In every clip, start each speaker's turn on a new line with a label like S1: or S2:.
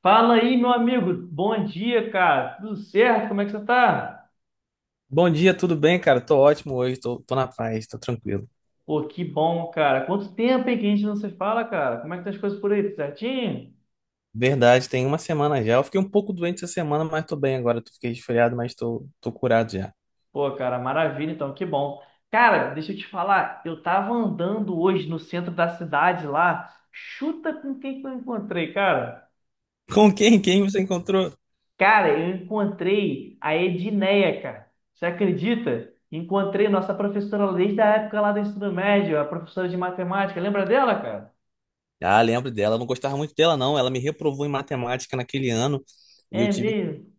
S1: Fala aí, meu amigo. Bom dia, cara. Tudo certo? Como é que você tá?
S2: Bom dia, tudo bem, cara? Tô ótimo hoje, tô na paz, tô tranquilo.
S1: Pô, que bom, cara. Quanto tempo, hein, que a gente não se fala, cara? Como é que tá as coisas por aí? Tudo certinho?
S2: Verdade, tem uma semana já. Eu fiquei um pouco doente essa semana, mas tô bem agora. Tô fiquei resfriado, mas tô curado já.
S1: Pô, cara, maravilha, então, que bom. Cara, deixa eu te falar. Eu tava andando hoje no centro da cidade lá. Chuta com quem que eu encontrei, cara.
S2: Com
S1: De
S2: quem? Quem você encontrou?
S1: cara, eu encontrei a Edneia, cara. Você acredita? Encontrei nossa professora desde a época lá do ensino médio, a professora de matemática. Lembra dela, cara?
S2: Ah, lembro dela. Eu não gostava muito dela, não. Ela me reprovou em matemática naquele ano e eu
S1: É
S2: tive
S1: mesmo.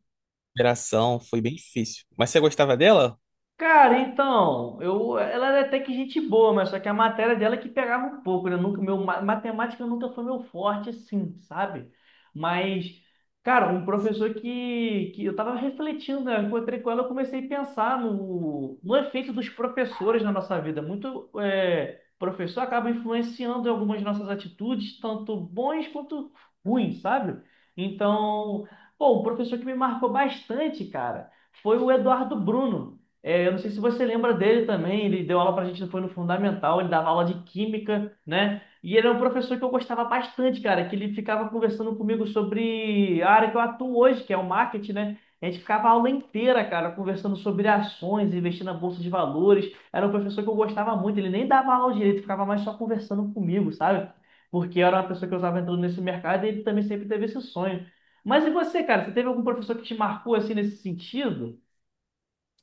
S2: recuperação. Foi bem difícil. Mas você gostava dela?
S1: Cara, então, eu, ela era até que gente boa, mas só que a matéria dela é que pegava um pouco, né? Nunca, meu, matemática nunca foi meu forte, assim, sabe? Mas, cara, um professor que eu tava refletindo, né? Eu encontrei com ela, eu comecei a pensar no efeito dos professores na nossa vida. Muito professor acaba influenciando em algumas nossas atitudes, tanto bons quanto ruins, sabe? Então, pô, um professor que me marcou bastante, cara, foi o Eduardo Bruno. É, eu não sei se você lembra dele também, ele deu aula pra gente, foi no Fundamental, ele dava aula de Química, né? E ele é um professor que eu gostava bastante, cara, que ele ficava conversando comigo sobre a área que eu atuo hoje, que é o marketing, né? A gente ficava a aula inteira, cara, conversando sobre ações, investir na bolsa de valores. Era um professor que eu gostava muito, ele nem dava aula direito, ficava mais só conversando comigo, sabe? Porque eu era uma pessoa que eu estava entrando nesse mercado e ele também sempre teve esse sonho. Mas e você, cara, você teve algum professor que te marcou assim nesse sentido?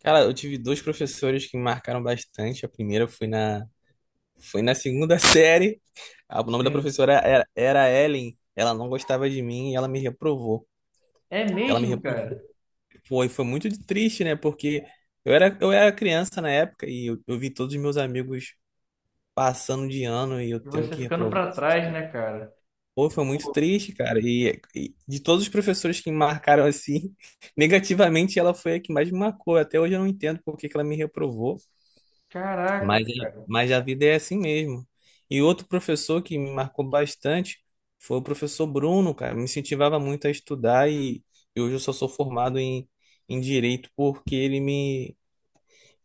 S2: Cara, eu tive dois professores que me marcaram bastante. A primeira foi foi na segunda série. Ah, o nome da professora era, era Ellen. Ela não gostava de mim e ela me reprovou.
S1: É
S2: Ela me
S1: mesmo,
S2: repulsou.
S1: cara?
S2: Foi muito de triste, né? Porque eu era criança na época e eu vi todos os meus amigos passando de ano e eu
S1: E
S2: tendo
S1: você
S2: que
S1: ficando
S2: reprovar.
S1: pra trás, né, cara?
S2: Pô, foi muito
S1: Pô,
S2: triste, cara. E de todos os professores que me marcaram assim, negativamente, ela foi a que mais me marcou. Até hoje eu não entendo por que que ela me reprovou.
S1: caraca,
S2: Mas,
S1: cara.
S2: mas a vida é assim mesmo. E outro professor que me marcou bastante foi o professor Bruno, cara. Me incentivava muito a estudar e hoje eu só sou formado em direito porque ele me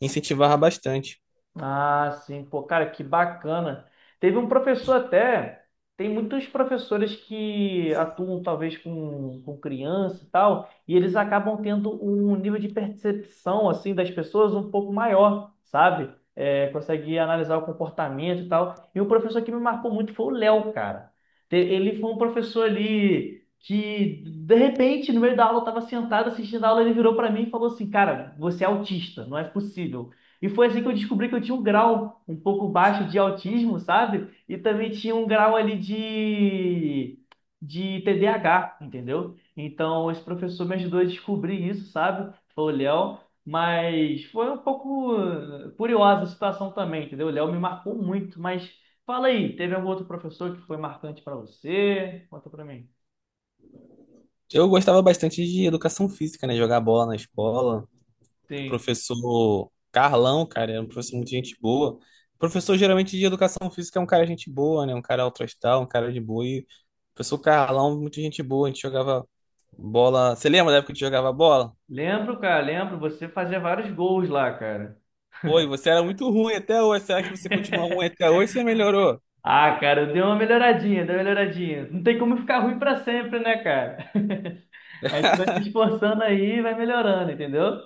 S2: incentivava bastante.
S1: Ah, sim, pô, cara, que bacana. Teve um professor até, tem muitos professores que atuam talvez com criança e tal, e eles acabam tendo um nível de percepção, assim, das pessoas um pouco maior, sabe? É, consegue analisar o comportamento e tal. E um professor que me marcou muito foi o Léo, cara. Ele foi um professor ali que, de repente, no meio da aula, eu tava sentado assistindo a aula, ele virou para mim e falou assim, cara, você é autista, não é possível. E foi assim que eu descobri que eu tinha um grau um pouco baixo de autismo, sabe? E também tinha um grau ali de TDAH, entendeu? Então, esse professor me ajudou a descobrir isso, sabe? Foi o Léo. Mas foi um pouco curiosa a situação também, entendeu? O Léo me marcou muito. Mas fala aí, teve algum outro professor que foi marcante para você? Conta para mim.
S2: Eu gostava bastante de educação física, né? Jogar bola na escola. O
S1: Sim.
S2: professor Carlão, cara, era um professor muito gente boa. O professor geralmente de educação física é um cara gente boa, né? Um cara altruístal, um cara de boa. E o professor Carlão, muito gente boa. A gente jogava bola. Você lembra da época que a gente jogava bola?
S1: Lembro, cara, lembro. Você fazia vários gols lá, cara.
S2: Oi, você era muito ruim até hoje. Será que você continua ruim até hoje? Você melhorou?
S1: Ah, cara, deu uma melhoradinha, deu uma melhoradinha. Não tem como ficar ruim pra sempre, né, cara? A gente vai se esforçando aí e vai melhorando, entendeu?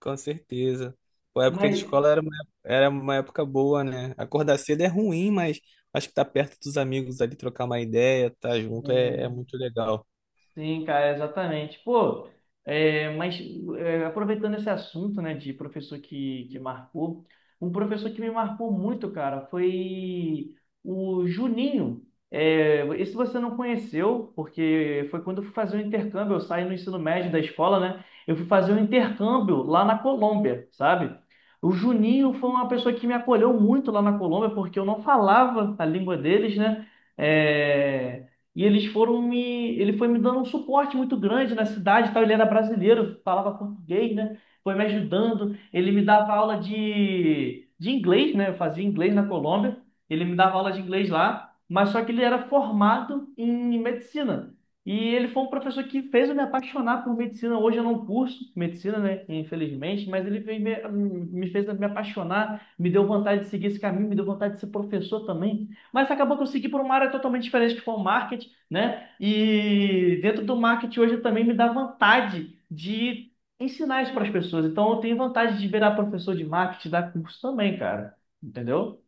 S2: Com certeza. Pô, a época de
S1: Mas.
S2: escola era uma época boa, né? Acordar cedo é ruim, mas acho que tá perto dos amigos ali, trocar uma ideia, tá junto
S1: É,
S2: é muito legal.
S1: sim, cara, exatamente. Pô, mas aproveitando esse assunto, né, de professor que marcou, um professor que me marcou muito, cara, foi o Juninho. É, esse você não conheceu, porque foi quando eu fui fazer o intercâmbio, eu saí no ensino médio da escola, né? Eu fui fazer um intercâmbio lá na Colômbia, sabe? O Juninho foi uma pessoa que me acolheu muito lá na Colômbia, porque eu não falava a língua deles, né? É, e eles foram me. Ele foi me dando um suporte muito grande na cidade, e tal. Ele era brasileiro, falava português, né? Foi me ajudando. Ele me dava aula de inglês, né? Eu fazia inglês na Colômbia. Ele me dava aula de inglês lá, mas só que ele era formado em medicina. E ele foi um professor que fez eu me apaixonar por medicina. Hoje eu não curso medicina, né? Infelizmente, mas ele fez me, me fez me apaixonar, me deu vontade de seguir esse caminho, me deu vontade de ser professor também. Mas acabou que eu segui por uma área totalmente diferente, que foi o marketing, né? E dentro do marketing hoje também me dá vontade de ensinar isso para as pessoas. Então eu tenho vontade de virar professor de marketing, dar curso também, cara. Entendeu?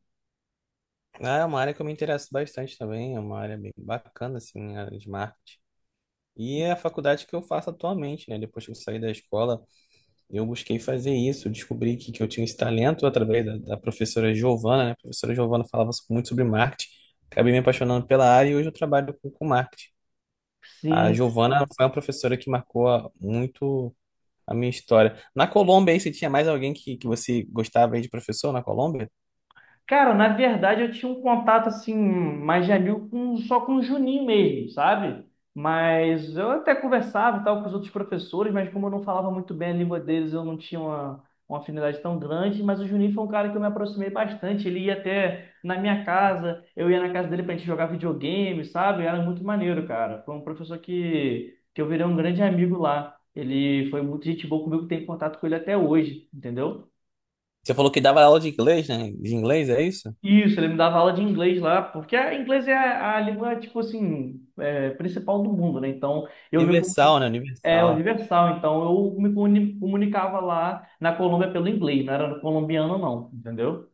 S2: É uma área que eu me interesso bastante também, é uma área bem bacana, assim, a área de marketing. E é a faculdade que eu faço atualmente, né? Depois que eu saí da escola, eu busquei fazer isso, eu descobri que eu tinha esse talento através da professora Giovana, né? A professora Giovana falava so, muito sobre marketing, acabei me apaixonando pela área e hoje eu trabalho com marketing. A
S1: Sim.
S2: Giovana foi uma professora que marcou a- muito a minha história. Na Colômbia, aí, você tinha mais alguém que você gostava aí de professor na Colômbia?
S1: Cara, na verdade eu tinha um contato assim, mais de amigo com, só com o Juninho mesmo, sabe? Mas eu até conversava e tal com os outros professores, mas como eu não falava muito bem a língua deles, eu não tinha uma afinidade tão grande. Mas o Juninho foi um cara que eu me aproximei bastante. Ele ia até na minha casa, eu ia na casa dele pra gente jogar videogame, sabe? Era muito maneiro, cara. Foi um professor que eu virei um grande amigo lá. Ele foi muito gente boa comigo, tenho contato com ele até hoje, entendeu?
S2: Você falou que dava aula de inglês, né? De inglês, é isso?
S1: Isso, ele me dava aula de inglês lá, porque inglês é a língua, tipo assim, principal do mundo, né? Então,
S2: Universal, né?
S1: é
S2: Universal.
S1: universal, então eu me comunicava lá na Colômbia pelo inglês, não era colombiano não, entendeu?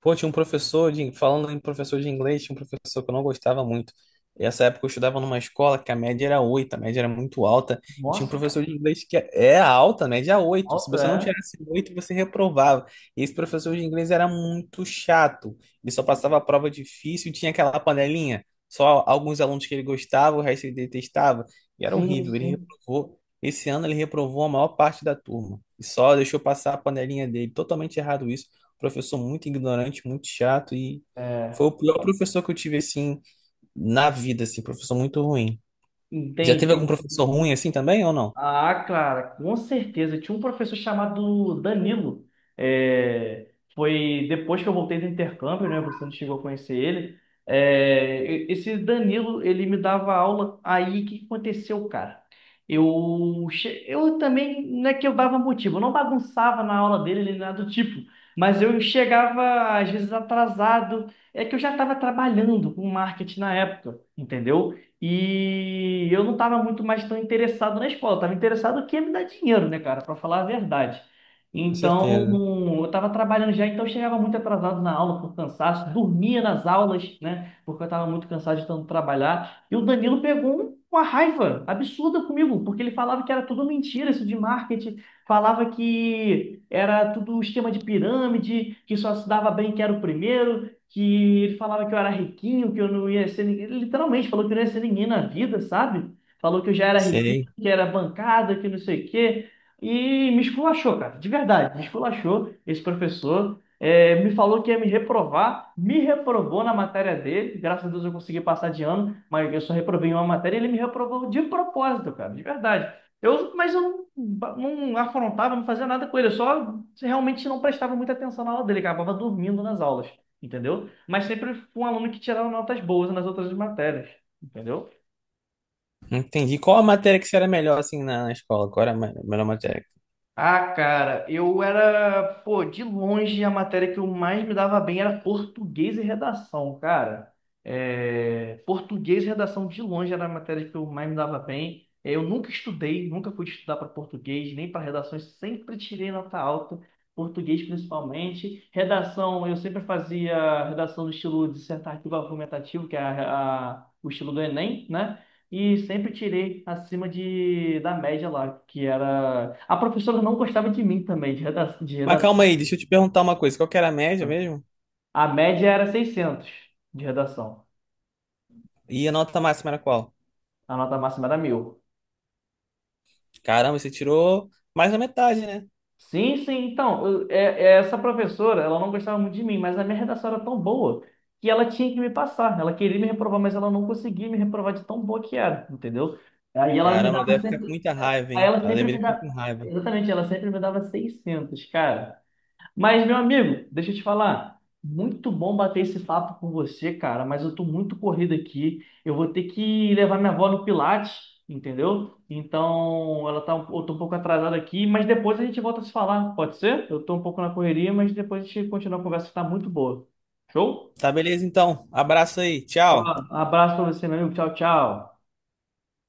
S2: Pô, tinha um professor de, falando em professor de inglês, tinha um professor que eu não gostava muito. Essa época eu estudava numa escola que a média era 8, a média era muito alta, e tinha um
S1: Nossa, cara,
S2: professor de inglês que é alta, a média é 8. Se
S1: alta,
S2: você não
S1: é?
S2: tirasse 8 você reprovava. E esse professor de inglês era muito chato. Ele só passava a prova difícil, tinha aquela panelinha, só alguns alunos que ele gostava, o resto ele detestava, e era
S1: Sim,
S2: horrível. Ele
S1: sim,
S2: reprovou. Esse ano ele reprovou a maior parte da turma. E só deixou passar a panelinha dele. Totalmente errado isso. Professor muito ignorante, muito chato e
S1: é,
S2: foi o pior professor que eu tive assim na vida, assim, professor muito ruim. Já teve algum
S1: entendi.
S2: professor ruim assim também ou não?
S1: Ah, cara, com certeza. Tinha um professor chamado Danilo. É, foi depois que eu voltei do intercâmbio, né? Você não chegou a conhecer ele. É, esse Danilo, ele me dava aula. Aí, o que que aconteceu, cara? Eu também, não é que eu dava motivo, eu não bagunçava na aula dele, nem nada do tipo. Mas eu chegava, às vezes, atrasado. É que eu já estava trabalhando com marketing na época, entendeu? E eu não estava muito mais tão interessado na escola, estava interessado que ia me dar dinheiro, né, cara, para falar a verdade.
S2: Com
S1: Então,
S2: certeza.
S1: eu estava trabalhando já, então eu chegava muito atrasado na aula por cansaço, dormia nas aulas, né, porque eu estava muito cansado de tanto trabalhar. E o Danilo pegou uma raiva absurda comigo, porque ele falava que era tudo mentira isso de marketing, falava que era tudo esquema de pirâmide, que só se dava bem quem era o primeiro, que ele falava que eu era riquinho, que eu não ia ser ninguém. Ele literalmente falou que eu não ia ser ninguém na vida, sabe? Falou que eu já era riquinho,
S2: Sei.
S1: que era bancada, que não sei o quê. E me esculachou, cara, de verdade, me esculachou esse professor. É, me falou que ia me reprovar, me reprovou na matéria dele. Graças a Deus eu consegui passar de ano, mas eu só reprovei em uma matéria e ele me reprovou de propósito, cara, de verdade. Eu, mas eu não, não afrontava, não fazia nada com ele, eu só realmente não prestava muita atenção na aula dele, acabava dormindo nas aulas, entendeu? Mas sempre fui um aluno que tirava notas boas nas outras matérias, entendeu?
S2: Entendi. Qual a matéria que você era melhor assim na escola? Qual era a me- melhor matéria?
S1: Ah, cara, eu era, pô, de longe a matéria que eu mais me dava bem era português e redação, cara. É, português e redação de longe era a matéria que eu mais me dava bem. É, eu nunca estudei, nunca fui estudar para português, nem para redações, sempre tirei nota alta, português principalmente. Redação, eu sempre fazia redação no estilo dissertativo argumentativo, que é o estilo do Enem, né? E sempre tirei acima de, da média lá, que era. A professora não gostava de mim também, de
S2: Mas calma
S1: redação.
S2: aí, deixa eu te perguntar uma coisa. Qual que era a média mesmo?
S1: A média era 600 de redação.
S2: E a nota máxima era qual?
S1: A nota máxima era 1.000.
S2: Caramba, você tirou mais da metade, né?
S1: Sim, sim. Então, é essa professora, ela não gostava muito de mim, mas a minha redação era tão boa que ela tinha que me passar. Ela queria me reprovar, mas ela não conseguia me reprovar de tão boa que era, entendeu? Aí ela me
S2: Caramba, ela
S1: dava
S2: deve ficar com
S1: sempre.
S2: muita raiva,
S1: Aí
S2: hein?
S1: ela
S2: Ela
S1: sempre me
S2: deveria ficar
S1: dava.
S2: com raiva.
S1: Exatamente, ela sempre me dava 600, cara. Mas, meu amigo, deixa eu te falar. Muito bom bater esse papo com você, cara, mas eu tô muito corrido aqui. Eu vou ter que levar minha avó no Pilates, entendeu? Então, ela tá, eu tô um pouco atrasada aqui, mas depois a gente volta a se falar, pode ser? Eu tô um pouco na correria, mas depois a gente continua a conversa que tá muito boa. Show?
S2: Tá, beleza então. Abraço aí.
S1: Ó,
S2: Tchau.
S1: abraço pra você, meu amigo. Tchau, tchau.